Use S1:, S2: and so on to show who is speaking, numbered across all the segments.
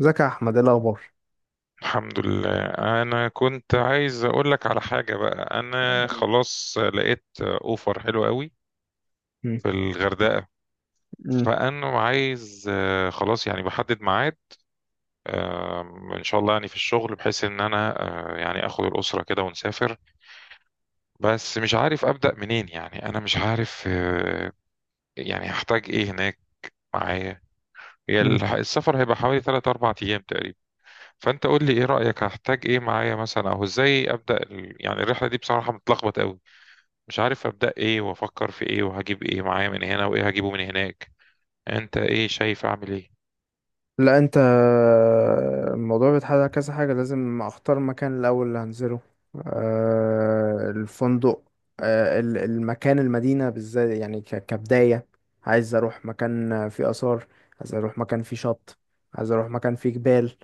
S1: ازيك يا احمد، ايه الاخبار؟
S2: الحمد لله، انا كنت عايز اقول لك على حاجه بقى. انا خلاص لقيت اوفر حلو قوي
S1: مم.
S2: في الغردقه.
S1: مم.
S2: فانا عايز خلاص يعني بحدد ميعاد، آه، ان شاء الله يعني في الشغل، بحيث ان انا يعني اخد الاسره كده ونسافر. بس مش عارف ابدا منين، يعني انا مش عارف يعني هحتاج ايه هناك معايا. هي
S1: مم.
S2: السفر هيبقى حوالي 3 4 ايام تقريبا. فانت قول لي ايه رايك، هحتاج ايه معايا مثلا، او ازاي ابدا يعني الرحله دي؟ بصراحه متلخبط قوي، مش عارف أبدأ إيه وأفكر في إيه وهجيب إيه معايا من هنا وإيه هجيبه من هناك. أنت إيه شايف أعمل إيه؟
S1: لا، الموضوع بيتحدد على كذا حاجه، لازم اختار مكان الاول اللي هنزله. الفندق، المكان، المدينه بالذات يعني كبدايه. عايز اروح مكان فيه اثار. عايز اروح مكان فيه شط. عايز اروح مكان فيه جبال.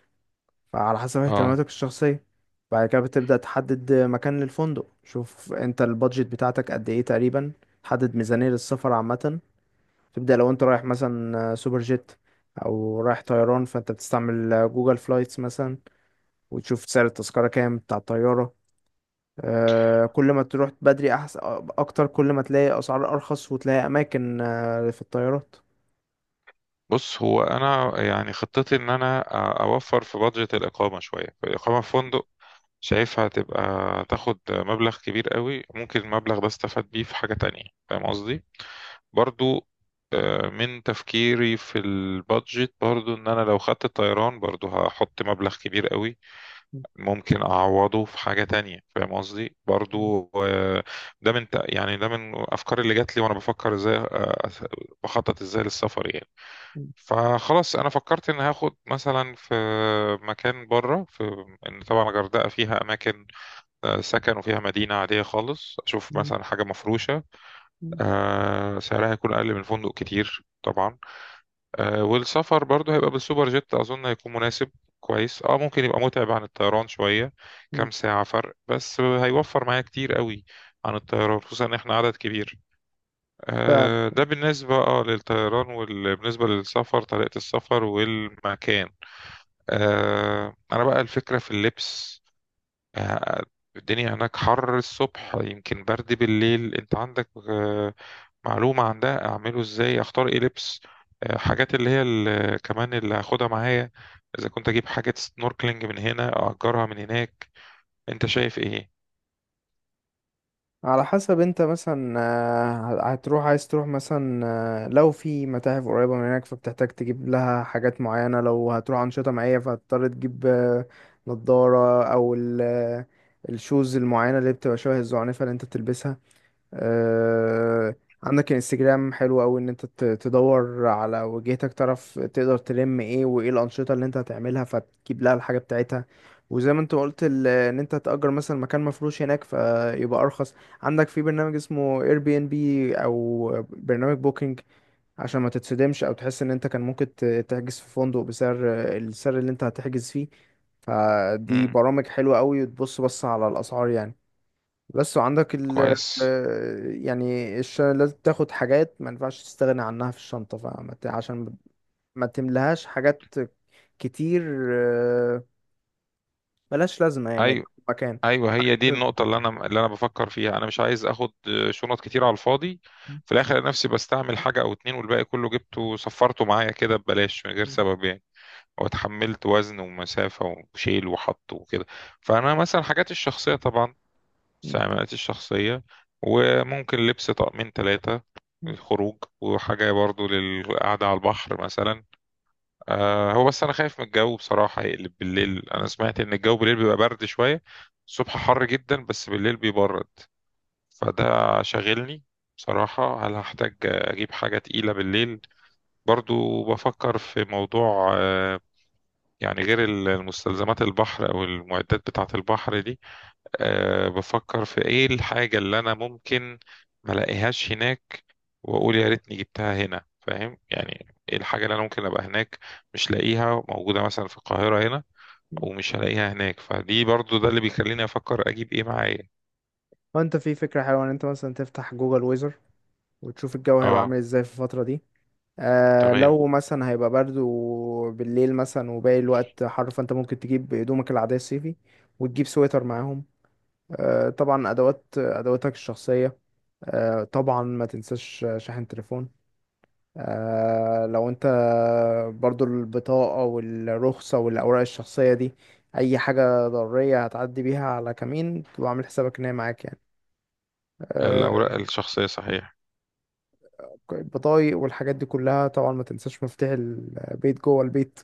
S1: فعلى حسب
S2: آه
S1: اهتماماتك الشخصيه. بعد كده بتبدا تحدد مكان للفندق، شوف انت البادجت بتاعتك قد ايه تقريبا. تحدد ميزانيه للسفر عامه. تبدأ لو انت رايح مثلا سوبر جيت او رايح طيران، فانت بتستعمل جوجل فلايتس مثلا. وتشوف سعر التذكرة كام بتاع الطيارة. كل ما تروح بدري احسن اكتر، كل ما تلاقي اسعار ارخص وتلاقي اماكن في الطيارات.
S2: بص، هو أنا يعني خطتي إن أنا أوفر في بادجت الإقامة شوية. الإقامة في فندق شايفها هتبقى تاخد مبلغ كبير قوي، ممكن المبلغ ده استفاد بيه في حاجة تانية، فاهم قصدي؟ برضو من تفكيري في البادجت برضو، ان انا لو خدت الطيران برضو هحط مبلغ كبير قوي، ممكن اعوضه في حاجه تانية، فاهم قصدي؟ برضو ده من يعني ده من الافكار اللي جات لي وانا بفكر ازاي، بخطط ازاي للسفر يعني. فخلاص انا فكرت ان هاخد مثلا في مكان بره، في، ان طبعا الغردقه فيها اماكن سكن، وفيها مدينه عاديه خالص، اشوف مثلا حاجه مفروشه سعرها يكون اقل من فندق كتير طبعا. والسفر برضه هيبقى بالسوبر جيت، اظن هيكون مناسب كويس. اه، ممكن يبقى متعب عن الطيران شوية، كام ساعة فرق، بس هيوفر معايا كتير قوي عن الطيران، خصوصا ان احنا عدد كبير. ده بالنسبة اه للطيران. وبالنسبة للسفر، طريقة السفر والمكان، انا بقى الفكرة في اللبس. آه، الدنيا هناك حر الصبح، يمكن برد بالليل. انت عندك معلومة عن ده؟ اعمله ازاي، اختار ايه لبس؟ حاجات اللي هي كمان اللي هاخدها معايا، اذا كنت اجيب حاجة سنوركلينج من هنا، اجرها من هناك، انت شايف ايه؟
S1: على حسب انت مثلا هتروح، عايز تروح مثلا، لو في متاحف قريبة من هناك فبتحتاج تجيب لها حاجات معينة، لو هتروح أنشطة معينة فهتضطر تجيب نضارة، أو الشوز المعينة اللي بتبقى شبه الزعنفة اللي انت بتلبسها. آه، عندك انستجرام حلو قوي، ان انت تدور على وجهتك تعرف تقدر تلم ايه وايه الانشطه اللي انت هتعملها فتجيب لها الحاجه بتاعتها. وزي ما انت قلت ان انت تأجر مثلا مكان مفروش هناك فيبقى ارخص. عندك في برنامج اسمه اير بي ان بي او برنامج بوكينج. عشان ما تتصدمش او تحس ان انت كان ممكن تحجز في فندق بسعر السعر اللي انت هتحجز فيه. فدي
S2: مم.
S1: برامج حلوة قوي، وتبص بص على الاسعار يعني. بس. وعندك
S2: كويس.
S1: يعني لازم تاخد حاجات ما ينفعش تستغنى عنها في الشنطة، عشان ما تملهاش حاجات كتير، آه، ملهاش لازمة يعني.
S2: ايوه.
S1: مكان.
S2: ايوه،
S1: حاجات
S2: هي
S1: مش
S2: دي النقطة اللي انا بفكر فيها. انا مش عايز اخد شنط كتير على الفاضي، في الاخر نفسي بستعمل حاجة او اتنين والباقي كله جبته صفرته معايا كده ببلاش من غير سبب يعني، واتحملت وزن ومسافة وشيل وحط وكده. فأنا مثلا، حاجاتي الشخصية طبعا، استعمالاتي الشخصية، وممكن لبس طقمين ثلاثة الخروج، وحاجة برضو للقعدة على البحر مثلا. هو بس أنا خايف من الجو بصراحة يقلب بالليل. أنا سمعت إن الجو بالليل بيبقى برد شوية، الصبح حر جدا بس بالليل بيبرد، فده شاغلني بصراحة. هل هحتاج أجيب حاجة تقيلة بالليل؟ برضو بفكر في موضوع يعني غير المستلزمات البحر او المعدات بتاعة البحر دي. أه، بفكر في ايه الحاجة اللي انا ممكن ما الاقيهاش هناك واقول يا ريتني جبتها هنا، فاهم يعني؟ ايه الحاجة اللي انا ممكن ابقى هناك مش لاقيها، موجودة مثلا في القاهرة هنا، او مش هلاقيها هناك؟ فدي برضو ده اللي بيخليني افكر اجيب ايه معايا.
S1: وانت في فكرة حلوة، ان انت مثلا تفتح جوجل ويزر، وتشوف الجو هيبقى
S2: اه.
S1: عامل ازاي في الفترة دي.
S2: تمام،
S1: لو مثلا هيبقى برد وبالليل مثلا وباقي الوقت حر، فانت ممكن تجيب هدومك العادية الصيفي. وتجيب سويتر معاهم. طبعا ادواتك الشخصيه. طبعا ما تنساش شاحن تليفون. لو انت. برضو البطاقه والرخصه والاوراق الشخصيه دي، اي حاجه ضروريه هتعدي بيها على كمين تبقى عامل حسابك ان هي معاك يعني.
S2: الاوراق
S1: آه،
S2: الشخصية صحيح.
S1: البطايق والحاجات دي كلها، طبعا ما تنساش مفتاح البيت جوه البيت.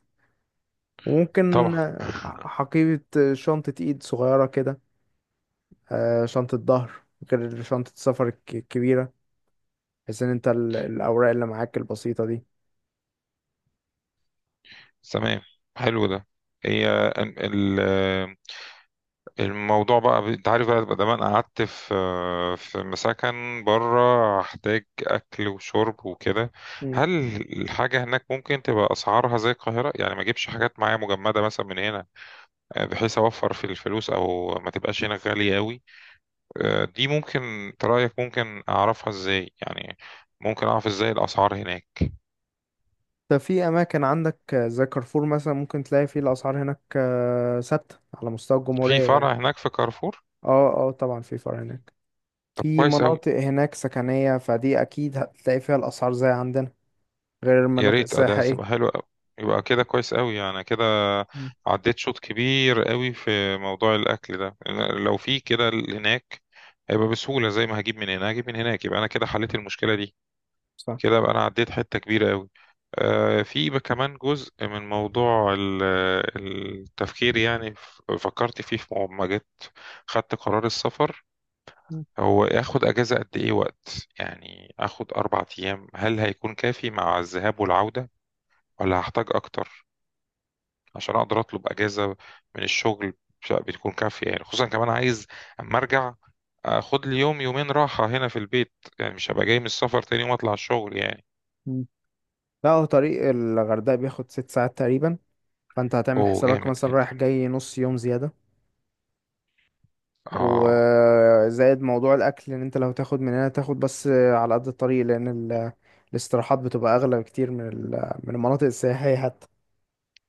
S1: وممكن
S2: طبعا.
S1: شنطه ايد صغيره كده، شنطه ظهر غير شنطه السفر الكبيره، بحيث ان انت الاوراق اللي معاك البسيطه دي.
S2: تمام، حلو ده. هي ال- الموضوع بقى، انت عارف بقى، ما انا قعدت في مسكن بره، هحتاج اكل وشرب وكده.
S1: مم.
S2: هل الحاجه هناك ممكن تبقى اسعارها زي القاهره، يعني ما اجيبش حاجات معايا مجمده مثلا من هنا، بحيث اوفر في الفلوس، او ما تبقاش هنا غاليه قوي؟ دي ممكن انت رايك ممكن اعرفها ازاي يعني؟ ممكن اعرف ازاي الاسعار هناك؟
S1: ده في اماكن عندك، زي كارفور مثلا، ممكن تلاقي فيه الاسعار هناك ثابته على مستوى
S2: في
S1: الجمهوريه يعني.
S2: فرع هناك في كارفور؟
S1: اه، اه، طبعا في فرع هناك.
S2: طب
S1: في
S2: كويس.
S1: مناطق هناك سكنيه، فدي اكيد هتلاقي فيها الاسعار زي عندنا. غير
S2: يا
S1: المناطق
S2: ريت، اه ده
S1: السياحيه.
S2: هتبقى حلو قوي. يبقى كده كويس قوي يعني كده.
S1: مم.
S2: عديت شوط كبير قوي في موضوع الاكل ده. لو في كده هناك هيبقى بسهوله، زي ما هجيب من هنا هجيب من هناك، يبقى انا كده حليت المشكله دي.
S1: صح.
S2: كده بقى انا عديت حته كبيره قوي. في بقى كمان جزء من موضوع التفكير، يعني فكرت فيه في ما جيت خدت قرار السفر.
S1: مم.
S2: هو اخد اجازه قد ايه وقت؟ يعني اخد اربع ايام، هل هيكون كافي مع الذهاب والعوده، ولا هحتاج اكتر عشان اقدر اطلب اجازه من الشغل؟ بتكون كافيه يعني، خصوصا كمان عايز اما ارجع اخد لي يوم يومين راحه هنا في البيت، يعني مش هبقى جاي من السفر تاني يوم اطلع الشغل يعني.
S1: مم. لا، هو طريق الغردقه بياخد 6 ساعات تقريبا. فانت هتعمل
S2: اوه،
S1: حسابك
S2: جامد
S1: مثلا
S2: جدا.
S1: رايح جاي نص يوم زياده.
S2: اه
S1: وزائد موضوع الاكل، ان انت لو تاخد من هنا تاخد بس على قد الطريق، لان الاستراحات بتبقى اغلى بكتير من من المناطق السياحية حتى.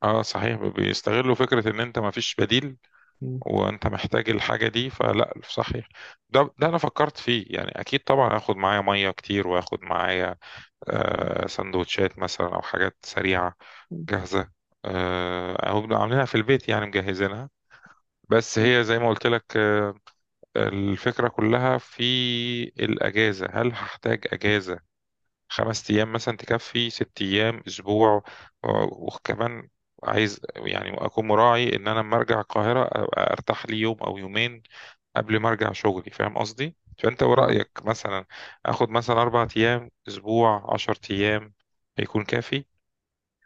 S2: اه، صحيح، بيستغلوا فكره ان انت ما فيش بديل
S1: مم.
S2: وانت محتاج الحاجه دي، فلا صحيح. ده انا فكرت فيه يعني، اكيد طبعا هاخد معايا ميه كتير، واخد معايا سندوتشات مثلا او حاجات سريعه جاهزة، أو بنبقى عاملينها في البيت يعني مجهزينها. بس
S1: مم.
S2: هي زي ما قلت لك الفكرة كلها في الأجازة. هل هحتاج أجازة خمس أيام مثلا تكفي، ست أيام، أسبوع؟ وكمان عايز يعني أكون مراعي إن أنا لما أرجع القاهرة أبقى أرتاح لي يوم أو يومين قبل ما أرجع شغلي، فاهم قصدي؟ فأنت
S1: فاهم.
S2: ورأيك مثلا، آخد مثلا أربع أيام، أسبوع، عشر أيام، هيكون كافي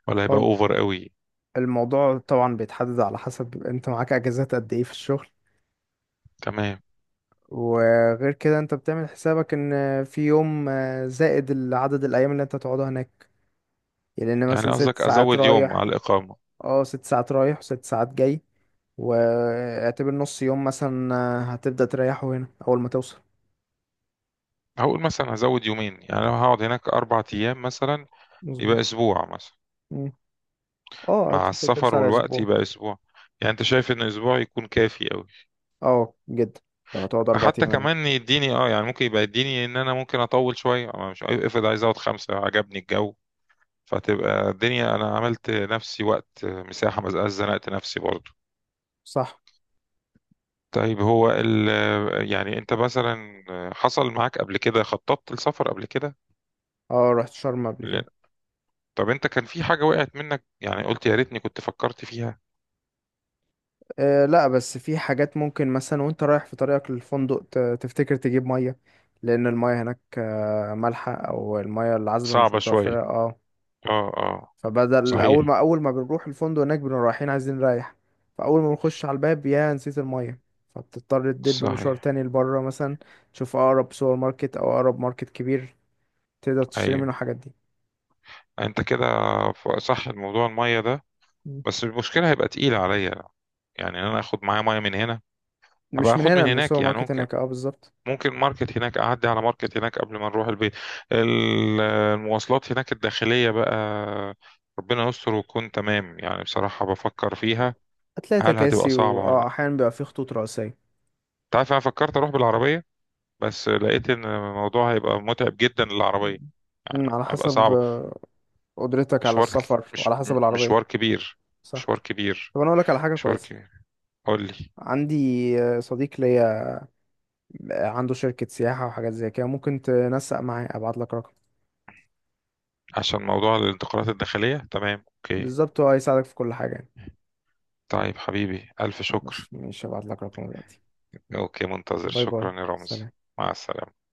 S2: ولا
S1: هو
S2: هيبقى أوفر قوي؟
S1: الموضوع طبعا بيتحدد على حسب انت معاك اجازات قد ايه في الشغل.
S2: تمام.
S1: وغير كده انت بتعمل حسابك ان في يوم زائد عدد الايام اللي انت تقعدها هناك. يعني ان
S2: يعني
S1: مثلا ست
S2: قصدك
S1: ساعات
S2: ازود يوم
S1: رايح.
S2: على الاقامه؟
S1: اه، 6 ساعات رايح و6 ساعات جاي. واعتبر نص يوم مثلا، هتبدأ تريحه هنا اول ما توصل.
S2: هقول مثلا ازود يومين، يعني لو هقعد هناك اربع ايام مثلا، يبقى
S1: مظبوط.
S2: اسبوع مثلا.
S1: مم. اه،
S2: مع
S1: هتاخد ترسى
S2: السفر
S1: على
S2: والوقت
S1: اسبوع.
S2: يبقى اسبوع، يعني انت شايف ان اسبوع يكون كافي قوي؟
S1: اه جدا، لو هتقعد اربع
S2: حتى
S1: ايام
S2: كمان
S1: هناك.
S2: يديني اه، يعني ممكن يبقى يديني ان انا ممكن اطول شويه، أما مش افرض، عايز اقعد خمسه عجبني الجو، فتبقى الدنيا انا عملت نفسي وقت مساحه ما بقاش زنقت نفسي برضو.
S1: صح.
S2: طيب، هو ال، يعني انت مثلا، حصل معاك قبل كده خططت لسفر قبل كده؟
S1: اه، رحت شرم قبل كده.
S2: طب انت كان في حاجة وقعت منك يعني قلت يا ريتني كنت فكرت فيها؟
S1: لا، بس في حاجات ممكن مثلا وانت رايح في طريقك للفندق تفتكر تجيب ميه. لان الميه هناك مالحه او الميه العذبه مش
S2: صعبة
S1: متوفره،
S2: شوية.
S1: اه.
S2: اه اه.
S1: فبدل اول
S2: صحيح.
S1: ما اول ما بنروح الفندق هناك بنبقى رايحين عايزين نريح. فاول ما بنخش على الباب، يا نسيت الميه. فبتضطر تدب مشوار
S2: صحيح.
S1: تاني لبره مثلا. تشوف اقرب سوبر ماركت او اقرب ماركت كبير، تقدر تشتري
S2: ايوه.
S1: منه الحاجات دي.
S2: انت كده، صح، الموضوع المية ده،
S1: مم.
S2: بس المشكلة هيبقى تقيلة عليا، يعني ان انا اخد معايا مية من هنا. هبقى
S1: مش من
S2: اخد من
S1: هنا، من
S2: هناك
S1: السوبر
S2: يعني،
S1: ماركت
S2: ممكن،
S1: هناك، اه بالظبط.
S2: ماركت هناك، اعدي على ماركت هناك قبل ما نروح البيت. المواصلات هناك الداخلية بقى، ربنا يستر وتكون تمام يعني، بصراحة بفكر فيها،
S1: هتلاقي
S2: هل هتبقى
S1: تكاسي،
S2: صعبة ولا
S1: واه
S2: لا؟
S1: احيانا بيبقى فيه خطوط رئيسية.
S2: انت عارف انا فكرت اروح بالعربية، بس لقيت ان الموضوع هيبقى متعب جدا
S1: مم.
S2: للعربية، يعني
S1: على
S2: هيبقى
S1: حسب
S2: صعب.
S1: قدرتك على
S2: مشوار.
S1: السفر
S2: مش
S1: وعلى
S2: م-
S1: حسب العربية.
S2: مشوار كبير.
S1: صح.
S2: مشوار كبير.
S1: طب انا اقول لك على حاجة
S2: مشوار
S1: كويسة.
S2: كبير. قول لي.
S1: عندي صديق ليا عنده شركة سياحة وحاجات زي كده، ممكن تنسق معاه ابعت لك رقم.
S2: عشان موضوع الانتقالات الداخلية، تمام، اوكي.
S1: بالظبط، هو هيساعدك في كل حاجة يعني.
S2: طيب حبيبي، ألف شكر.
S1: خلاص ماشي، ابعت لك رقم دلوقتي.
S2: اوكي، منتظر،
S1: باي باي.
S2: شكرا يا رمز.
S1: سلام.
S2: مع السلامة.